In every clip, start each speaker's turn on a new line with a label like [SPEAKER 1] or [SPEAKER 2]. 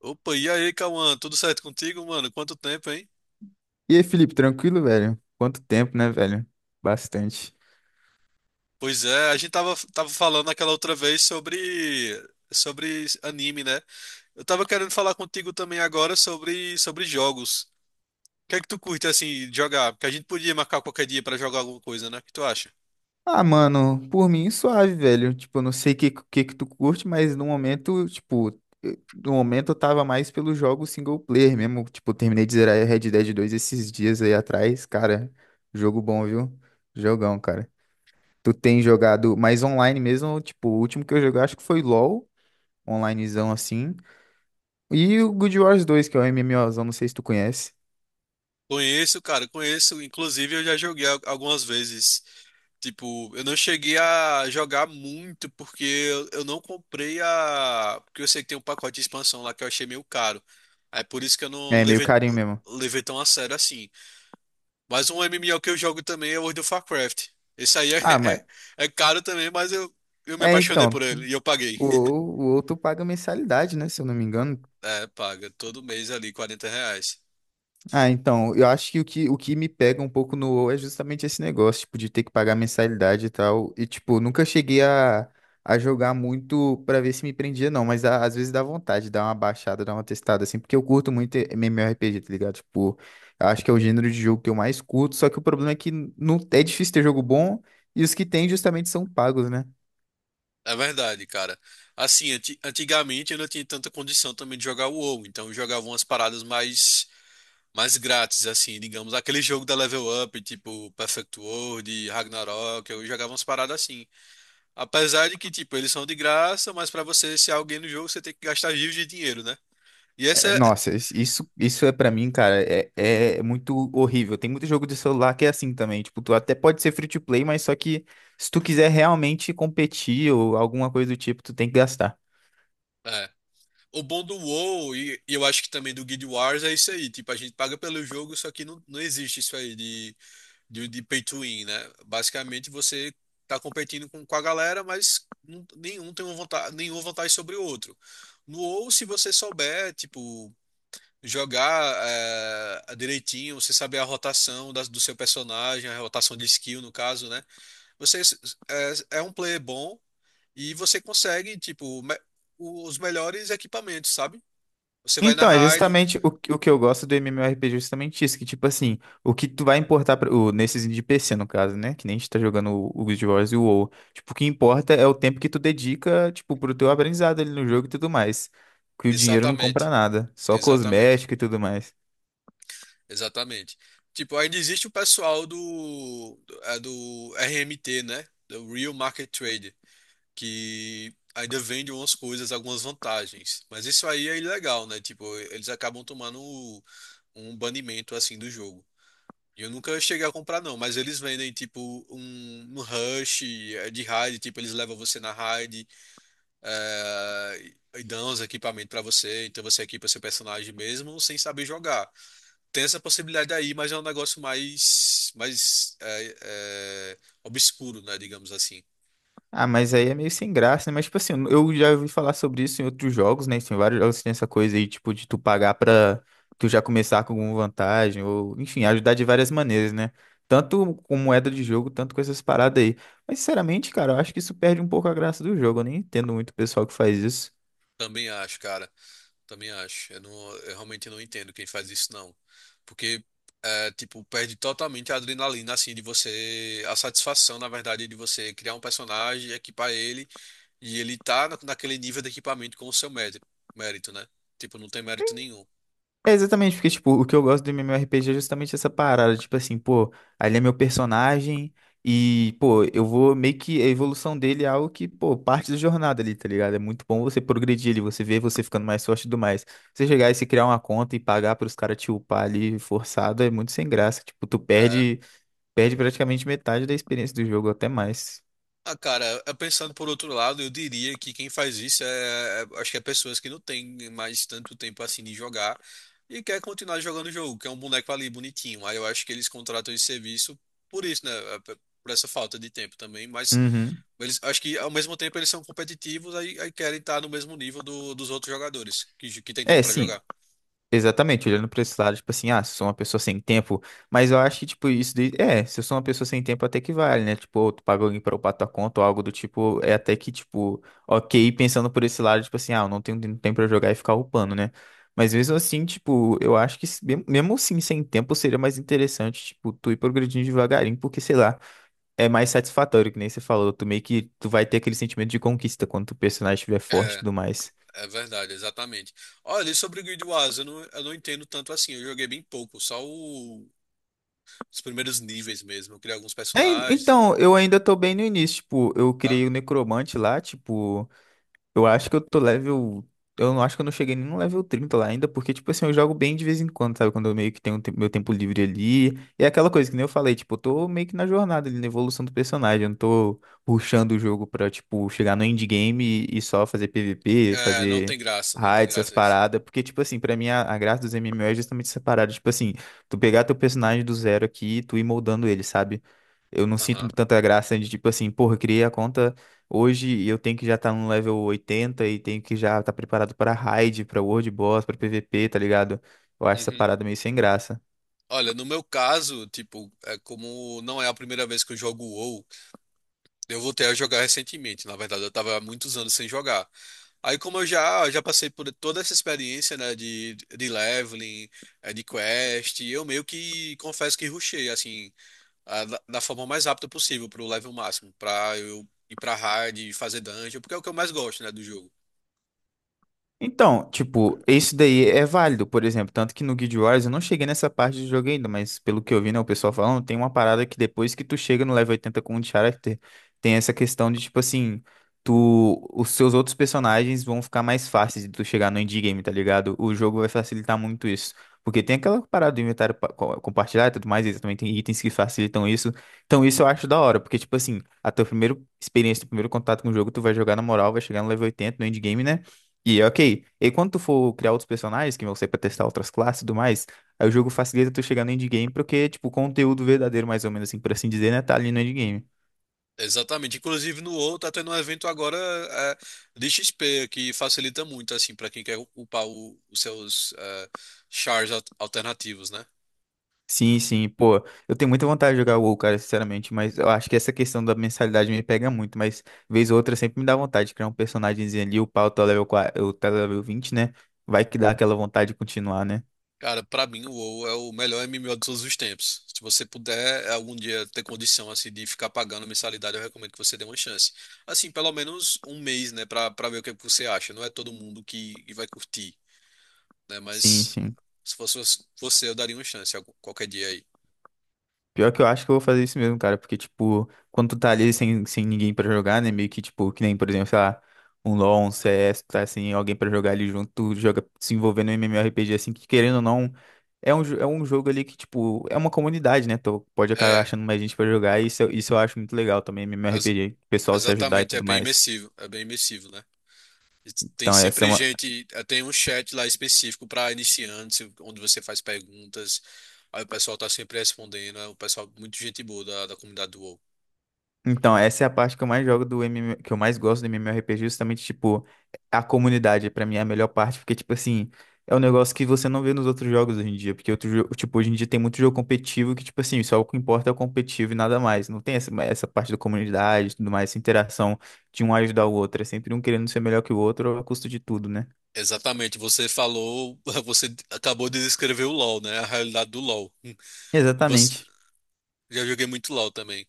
[SPEAKER 1] Opa, e aí, Cauã? Tudo certo contigo, mano? Quanto tempo, hein?
[SPEAKER 2] E aí, Felipe, tranquilo, velho? Quanto tempo, né, velho? Bastante.
[SPEAKER 1] Pois é, a gente tava falando aquela outra vez sobre anime, né? Eu tava querendo falar contigo também agora sobre jogos. O que é que tu curte, assim, de jogar? Porque a gente podia marcar qualquer dia pra jogar alguma coisa, né? O que tu acha?
[SPEAKER 2] Ah, mano, por mim, suave, velho. Tipo, eu não sei o que, que tu curte, mas no momento, tipo, no momento eu tava mais pelo jogo single player mesmo. Tipo, eu terminei de zerar Red Dead 2 esses dias aí atrás. Cara, jogo bom, viu? Jogão, cara. Tu tem jogado mais online mesmo? Tipo, o último que eu joguei acho que foi LoL, onlinezão assim. E o Good Wars 2, que é o MMOzão, não sei se tu conhece.
[SPEAKER 1] Conheço, cara, conheço. Inclusive, eu já joguei algumas vezes. Tipo, eu não cheguei a jogar muito porque eu não comprei a. Porque eu sei que tem um pacote de expansão lá que eu achei meio caro. Aí por isso que eu não
[SPEAKER 2] É meio
[SPEAKER 1] levei,
[SPEAKER 2] carinho mesmo.
[SPEAKER 1] levei tão a sério assim. Mas um MMO que eu jogo também é World of Warcraft. Esse aí
[SPEAKER 2] Ah, mas.
[SPEAKER 1] é caro também, eu me
[SPEAKER 2] É,
[SPEAKER 1] apaixonei
[SPEAKER 2] então,
[SPEAKER 1] por ele e eu paguei.
[SPEAKER 2] O, o outro paga mensalidade, né? Se eu não me engano.
[SPEAKER 1] É, paga todo mês ali 40 reais.
[SPEAKER 2] Ah, então, eu acho que o que me pega um pouco no WoW é justamente esse negócio, tipo, de ter que pagar mensalidade e tal. E, tipo, nunca cheguei a jogar muito pra ver se me prendia, não. Mas às vezes dá vontade, dá uma baixada, dá uma testada, assim, porque eu curto muito MMORPG, tá ligado? Tipo, eu acho que é o gênero de jogo que eu mais curto, só que o problema é que não, é difícil ter jogo bom e os que tem justamente são pagos, né?
[SPEAKER 1] É verdade, cara. Assim, antigamente eu não tinha tanta condição também de jogar o WoW, então eu jogava umas paradas mais mais grátis, assim, digamos, aquele jogo da Level Up, tipo Perfect World, Ragnarok, eu jogava umas paradas assim. Apesar de que, tipo, eles são de graça, mas pra você ser alguém no jogo, você tem que gastar rios de dinheiro, né? E essa
[SPEAKER 2] É,
[SPEAKER 1] é,
[SPEAKER 2] nossa, isso, isso é pra mim, cara, é, é muito horrível. Tem muito jogo de celular que é assim também. Tipo, tu até pode ser free to play, mas só que se tu quiser realmente competir ou alguma coisa do tipo, tu tem que gastar.
[SPEAKER 1] é, o bom do WoW e eu acho que também do Guild Wars é isso aí, tipo, a gente paga pelo jogo, só que não existe isso aí de pay to win, né? Basicamente você tá competindo com a galera, mas nenhum tem uma vantagem, nenhuma vantagem sobre o outro. No WoW, se você souber, tipo, jogar direitinho, você saber a rotação do seu personagem, a rotação de skill, no caso, né? Você é um player bom e você consegue, tipo, os melhores equipamentos, sabe? Você vai na
[SPEAKER 2] Então, é
[SPEAKER 1] raid.
[SPEAKER 2] justamente o que eu gosto do MMORPG, justamente isso, que tipo assim, o que tu vai importar pra, o, nesses de PC, no caso, né? Que nem a gente tá jogando o Guild Wars e o WoW. Tipo, o que importa é o tempo que tu dedica, tipo, pro teu aprendizado ali no jogo e tudo mais. Que o dinheiro não compra
[SPEAKER 1] Exatamente,
[SPEAKER 2] nada, só
[SPEAKER 1] exatamente,
[SPEAKER 2] cosmético e tudo mais.
[SPEAKER 1] exatamente. Tipo, ainda existe o pessoal do RMT, né? Do Real Market Trade, que ainda vende umas coisas, algumas vantagens. Mas isso aí é ilegal, né? Tipo, eles acabam tomando um banimento assim do jogo. E eu nunca cheguei a comprar, não, mas eles vendem tipo um rush de raid, tipo, eles levam você na raid e dão os equipamentos pra você, então você equipa seu personagem mesmo sem saber jogar. Tem essa possibilidade aí, mas é um negócio mais obscuro, né, digamos assim.
[SPEAKER 2] Ah, mas aí é meio sem graça, né? Mas, tipo assim, eu já ouvi falar sobre isso em outros jogos, né? Tem vários jogos que tem essa coisa aí, tipo, de tu pagar pra tu já começar com alguma vantagem, ou, enfim, ajudar de várias maneiras, né? Tanto com moeda de jogo, tanto com essas paradas aí. Mas, sinceramente, cara, eu acho que isso perde um pouco a graça do jogo. Eu nem entendo muito o pessoal que faz isso.
[SPEAKER 1] Também acho, cara. Também acho. Eu realmente não entendo quem faz isso, não. Porque tipo, perde totalmente a adrenalina, assim, de você... A satisfação, na verdade, de você criar um personagem, equipar ele, e ele tá naquele nível de equipamento com o seu mérito, mérito, né? Tipo, não tem mérito nenhum.
[SPEAKER 2] É exatamente, porque, tipo, o que eu gosto do MMORPG é justamente essa parada, tipo assim, pô, ali é meu personagem e, pô, eu vou meio que a evolução dele é algo que, pô, parte da jornada ali, tá ligado? É muito bom você progredir ali, você ver você ficando mais forte e tudo mais. Você chegar e se criar uma conta e pagar pros caras te upar ali forçado é muito sem graça, tipo, tu
[SPEAKER 1] É.
[SPEAKER 2] perde, perde praticamente metade da experiência do jogo, até mais.
[SPEAKER 1] Ah, cara, pensando por outro lado, eu diria que quem faz isso acho que é pessoas que não têm mais tanto tempo assim de jogar e quer continuar jogando o jogo, que é um boneco ali bonitinho. Aí eu acho que eles contratam esse serviço por isso, né? Por essa falta de tempo também, mas
[SPEAKER 2] Uhum.
[SPEAKER 1] eles acho que ao mesmo tempo eles são competitivos aí, aí querem estar no mesmo nível dos outros jogadores que, que tem tempo
[SPEAKER 2] É,
[SPEAKER 1] pra
[SPEAKER 2] sim,
[SPEAKER 1] jogar.
[SPEAKER 2] exatamente, olhando para esse lado, tipo assim, ah, se eu sou uma pessoa sem tempo, mas eu acho que, tipo, isso daí, é, se eu sou uma pessoa sem tempo, até que vale, né? Tipo, ou tu paga alguém para upar tua conta ou algo do tipo, é até que, tipo, ok, pensando por esse lado, tipo assim, ah, eu não tenho tempo para jogar e ficar upando, né? Mas mesmo assim, tipo, eu acho que, mesmo assim, sem tempo, seria mais interessante, tipo, tu ir progredindo devagarinho, porque, sei lá, é mais satisfatório, que nem você falou, tu meio que, tu vai ter aquele sentimento de conquista quando o personagem estiver forte e
[SPEAKER 1] É,
[SPEAKER 2] tudo mais.
[SPEAKER 1] é verdade, exatamente. Olha, e sobre o Guild Wars, eu não entendo tanto assim. Eu joguei bem pouco, só o os primeiros níveis mesmo. Eu criei alguns
[SPEAKER 2] É,
[SPEAKER 1] personagens,
[SPEAKER 2] então, eu ainda tô bem no início, tipo, eu
[SPEAKER 1] tá?
[SPEAKER 2] criei o necromante lá, tipo, eu acho que eu tô level. Eu não acho que eu não cheguei nem no level 30 lá ainda, porque, tipo assim, eu jogo bem de vez em quando, sabe? Quando eu meio que tenho um meu tempo livre ali. E é aquela coisa que nem eu falei, tipo, eu tô meio que na jornada ali, na evolução do personagem. Eu não tô rushando o jogo pra, tipo, chegar no endgame e só fazer PVP,
[SPEAKER 1] É, não
[SPEAKER 2] fazer
[SPEAKER 1] tem graça, não tem
[SPEAKER 2] raids, essas
[SPEAKER 1] graça isso.
[SPEAKER 2] paradas. Porque, tipo assim, pra mim a graça dos MMO é justamente essa parada. Tipo assim, tu pegar teu personagem do zero aqui e tu ir moldando ele, sabe? Eu não sinto
[SPEAKER 1] Aham.
[SPEAKER 2] tanta graça de, tipo assim, porra, criei a conta. Hoje eu tenho que já estar no level 80 e tenho que já estar preparado para raid, para world boss, para PVP, tá ligado? Eu acho essa
[SPEAKER 1] Uhum.
[SPEAKER 2] parada meio sem graça.
[SPEAKER 1] Olha, no meu caso, tipo, é como não é a primeira vez que eu jogo o WoW, eu voltei a jogar recentemente. Na verdade, eu tava há muitos anos sem jogar. Aí, como já passei por toda essa experiência, né, de leveling, de quest, eu meio que confesso que rushei, assim, da forma mais rápida possível pro level máximo, pra eu ir pra hard, fazer dungeon, porque é o que eu mais gosto, né, do jogo.
[SPEAKER 2] Então, tipo, esse daí é válido, por exemplo, tanto que no Guild Wars eu não cheguei nessa parte do jogo ainda, mas pelo que eu vi, né, o pessoal falando, tem uma parada que depois que tu chega no level 80 com o character, tem essa questão de, tipo assim, tu, os seus outros personagens vão ficar mais fáceis de tu chegar no endgame, tá ligado? O jogo vai facilitar muito isso, porque tem aquela parada do inventário compartilhar e tudo mais, e também tem itens que facilitam isso, então isso eu acho da hora, porque, tipo assim, a tua primeira experiência, teu primeiro contato com o jogo, tu vai jogar na moral, vai chegar no level 80 no endgame, né? E é ok. E quando tu for criar outros personagens, que vão ser pra testar outras classes e tudo mais, aí o jogo facilita tu chegar no endgame, porque, tipo, o conteúdo verdadeiro, mais ou menos assim, por assim dizer, né, tá ali no endgame.
[SPEAKER 1] Exatamente. Inclusive no WoW tá tendo um evento agora de XP que facilita muito assim para quem quer upar os seus chars alternativos, né?
[SPEAKER 2] Sim, sim, pô, eu tenho muita vontade de jogar o WoW, cara, sinceramente, mas eu acho que essa questão da mensalidade me pega muito, mas vez ou outra sempre me dá vontade de criar um personagemzinho ali, upar o teu level, o teu level 20, né? Vai que dá aquela vontade de continuar, né?
[SPEAKER 1] Cara, pra mim o WoW é o melhor MMO de todos os tempos. Se você puder algum dia ter condição assim de ficar pagando mensalidade, eu recomendo que você dê uma chance. Assim, pelo menos um mês, né, pra para ver o que você acha. Não é todo mundo que vai curtir, né?
[SPEAKER 2] Sim,
[SPEAKER 1] Mas
[SPEAKER 2] sim.
[SPEAKER 1] se fosse você, eu daria uma chance qualquer dia aí.
[SPEAKER 2] Pior que eu acho que eu vou fazer isso mesmo, cara, porque, tipo, quando tu tá ali sem ninguém pra jogar, né, meio que, tipo, que nem, por exemplo, sei lá, um LoL, um CS, tu tá sem alguém pra jogar ali junto, tu joga se envolvendo no MMORPG, assim, que querendo ou não, é um, é um jogo ali que, tipo, é uma comunidade, né, tu pode acabar
[SPEAKER 1] É,
[SPEAKER 2] achando mais gente pra jogar, e isso, isso eu acho muito legal também,
[SPEAKER 1] as-
[SPEAKER 2] MMORPG, o pessoal se ajudar e
[SPEAKER 1] Exatamente,
[SPEAKER 2] tudo mais.
[SPEAKER 1] é bem imersivo, né? E tem
[SPEAKER 2] Então, essa
[SPEAKER 1] sempre gente, tem um chat lá específico para iniciantes, onde você faz perguntas, aí o pessoal tá sempre respondendo, é um pessoal muito gente boa da comunidade do WoW.
[SPEAKER 2] Então, essa é a parte que eu mais jogo do MM, que eu mais gosto do MMORPG, justamente, tipo, a comunidade, pra mim, é a melhor parte, porque, tipo assim, é um negócio que você não vê nos outros jogos hoje em dia, porque outro jogo, tipo, hoje em dia tem muito jogo competitivo que, tipo assim, só o que importa é o competitivo e nada mais. Não tem essa parte da comunidade e tudo mais, essa interação de um ajudar o outro. É sempre um querendo ser melhor que o outro a custo de tudo, né?
[SPEAKER 1] Exatamente, você falou, você acabou de descrever o LoL, né? A realidade do LoL. Você,
[SPEAKER 2] Exatamente.
[SPEAKER 1] já joguei muito LoL também.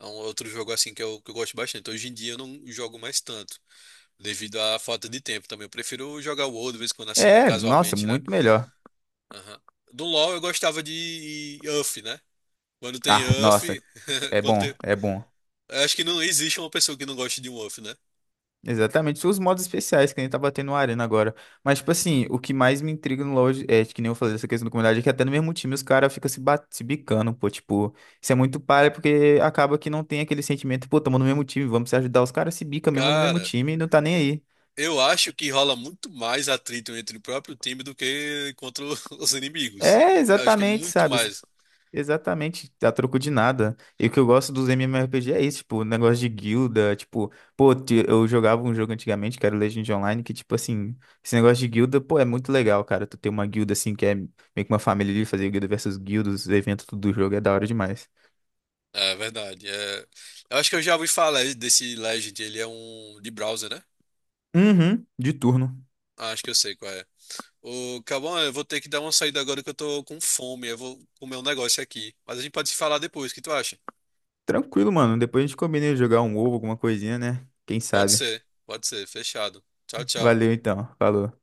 [SPEAKER 1] É um outro jogo assim que eu gosto bastante. Hoje em dia eu não jogo mais tanto, devido à falta de tempo também. Eu prefiro jogar o WoW de vez em quando assim,
[SPEAKER 2] É, nossa,
[SPEAKER 1] casualmente, né?
[SPEAKER 2] muito melhor.
[SPEAKER 1] Aham. Do LoL eu gostava de uff, né? Quando tem
[SPEAKER 2] Ah,
[SPEAKER 1] uff
[SPEAKER 2] nossa, é
[SPEAKER 1] quando
[SPEAKER 2] bom,
[SPEAKER 1] tem...
[SPEAKER 2] é bom.
[SPEAKER 1] eu acho que não existe uma pessoa que não goste de um UF, né?
[SPEAKER 2] Exatamente, são os modos especiais que a gente tá batendo na arena agora. Mas, tipo assim, o que mais me intriga no LoL é, que nem eu falei dessa questão da comunidade, é que até no mesmo time os caras ficam se bicando, pô. Tipo, isso é muito palha porque acaba que não tem aquele sentimento, pô, tamo no mesmo time, vamos se ajudar. Os caras se bicam mesmo no mesmo
[SPEAKER 1] Cara,
[SPEAKER 2] time e não tá nem aí.
[SPEAKER 1] eu acho que rola muito mais atrito entre o próprio time do que contra os inimigos.
[SPEAKER 2] É,
[SPEAKER 1] Eu acho que é
[SPEAKER 2] exatamente,
[SPEAKER 1] muito
[SPEAKER 2] sabe?
[SPEAKER 1] mais.
[SPEAKER 2] Exatamente, a troco de nada. E o que eu gosto dos MMORPG é isso, tipo, o negócio de guilda, tipo, pô, eu jogava um jogo antigamente que era o Legend Online, que, tipo assim, esse negócio de guilda, pô, é muito legal, cara. Tu ter uma guilda assim, que é meio que uma família ali, fazer guilda versus guilda, os eventos tudo do jogo, é da hora demais.
[SPEAKER 1] É verdade. É... Eu acho que eu já ouvi falar desse Legend, ele é um de browser, né?
[SPEAKER 2] Uhum, de turno.
[SPEAKER 1] Ah, acho que eu sei qual é. Ô, Cauã, eu vou ter que dar uma saída agora que eu tô com fome. Eu vou comer um negócio aqui. Mas a gente pode se falar depois, o que tu acha?
[SPEAKER 2] Tranquilo, mano. Depois a gente combina de jogar um ovo, alguma coisinha, né? Quem
[SPEAKER 1] Pode
[SPEAKER 2] sabe.
[SPEAKER 1] ser, pode ser. Fechado. Tchau, tchau.
[SPEAKER 2] Valeu então, falou.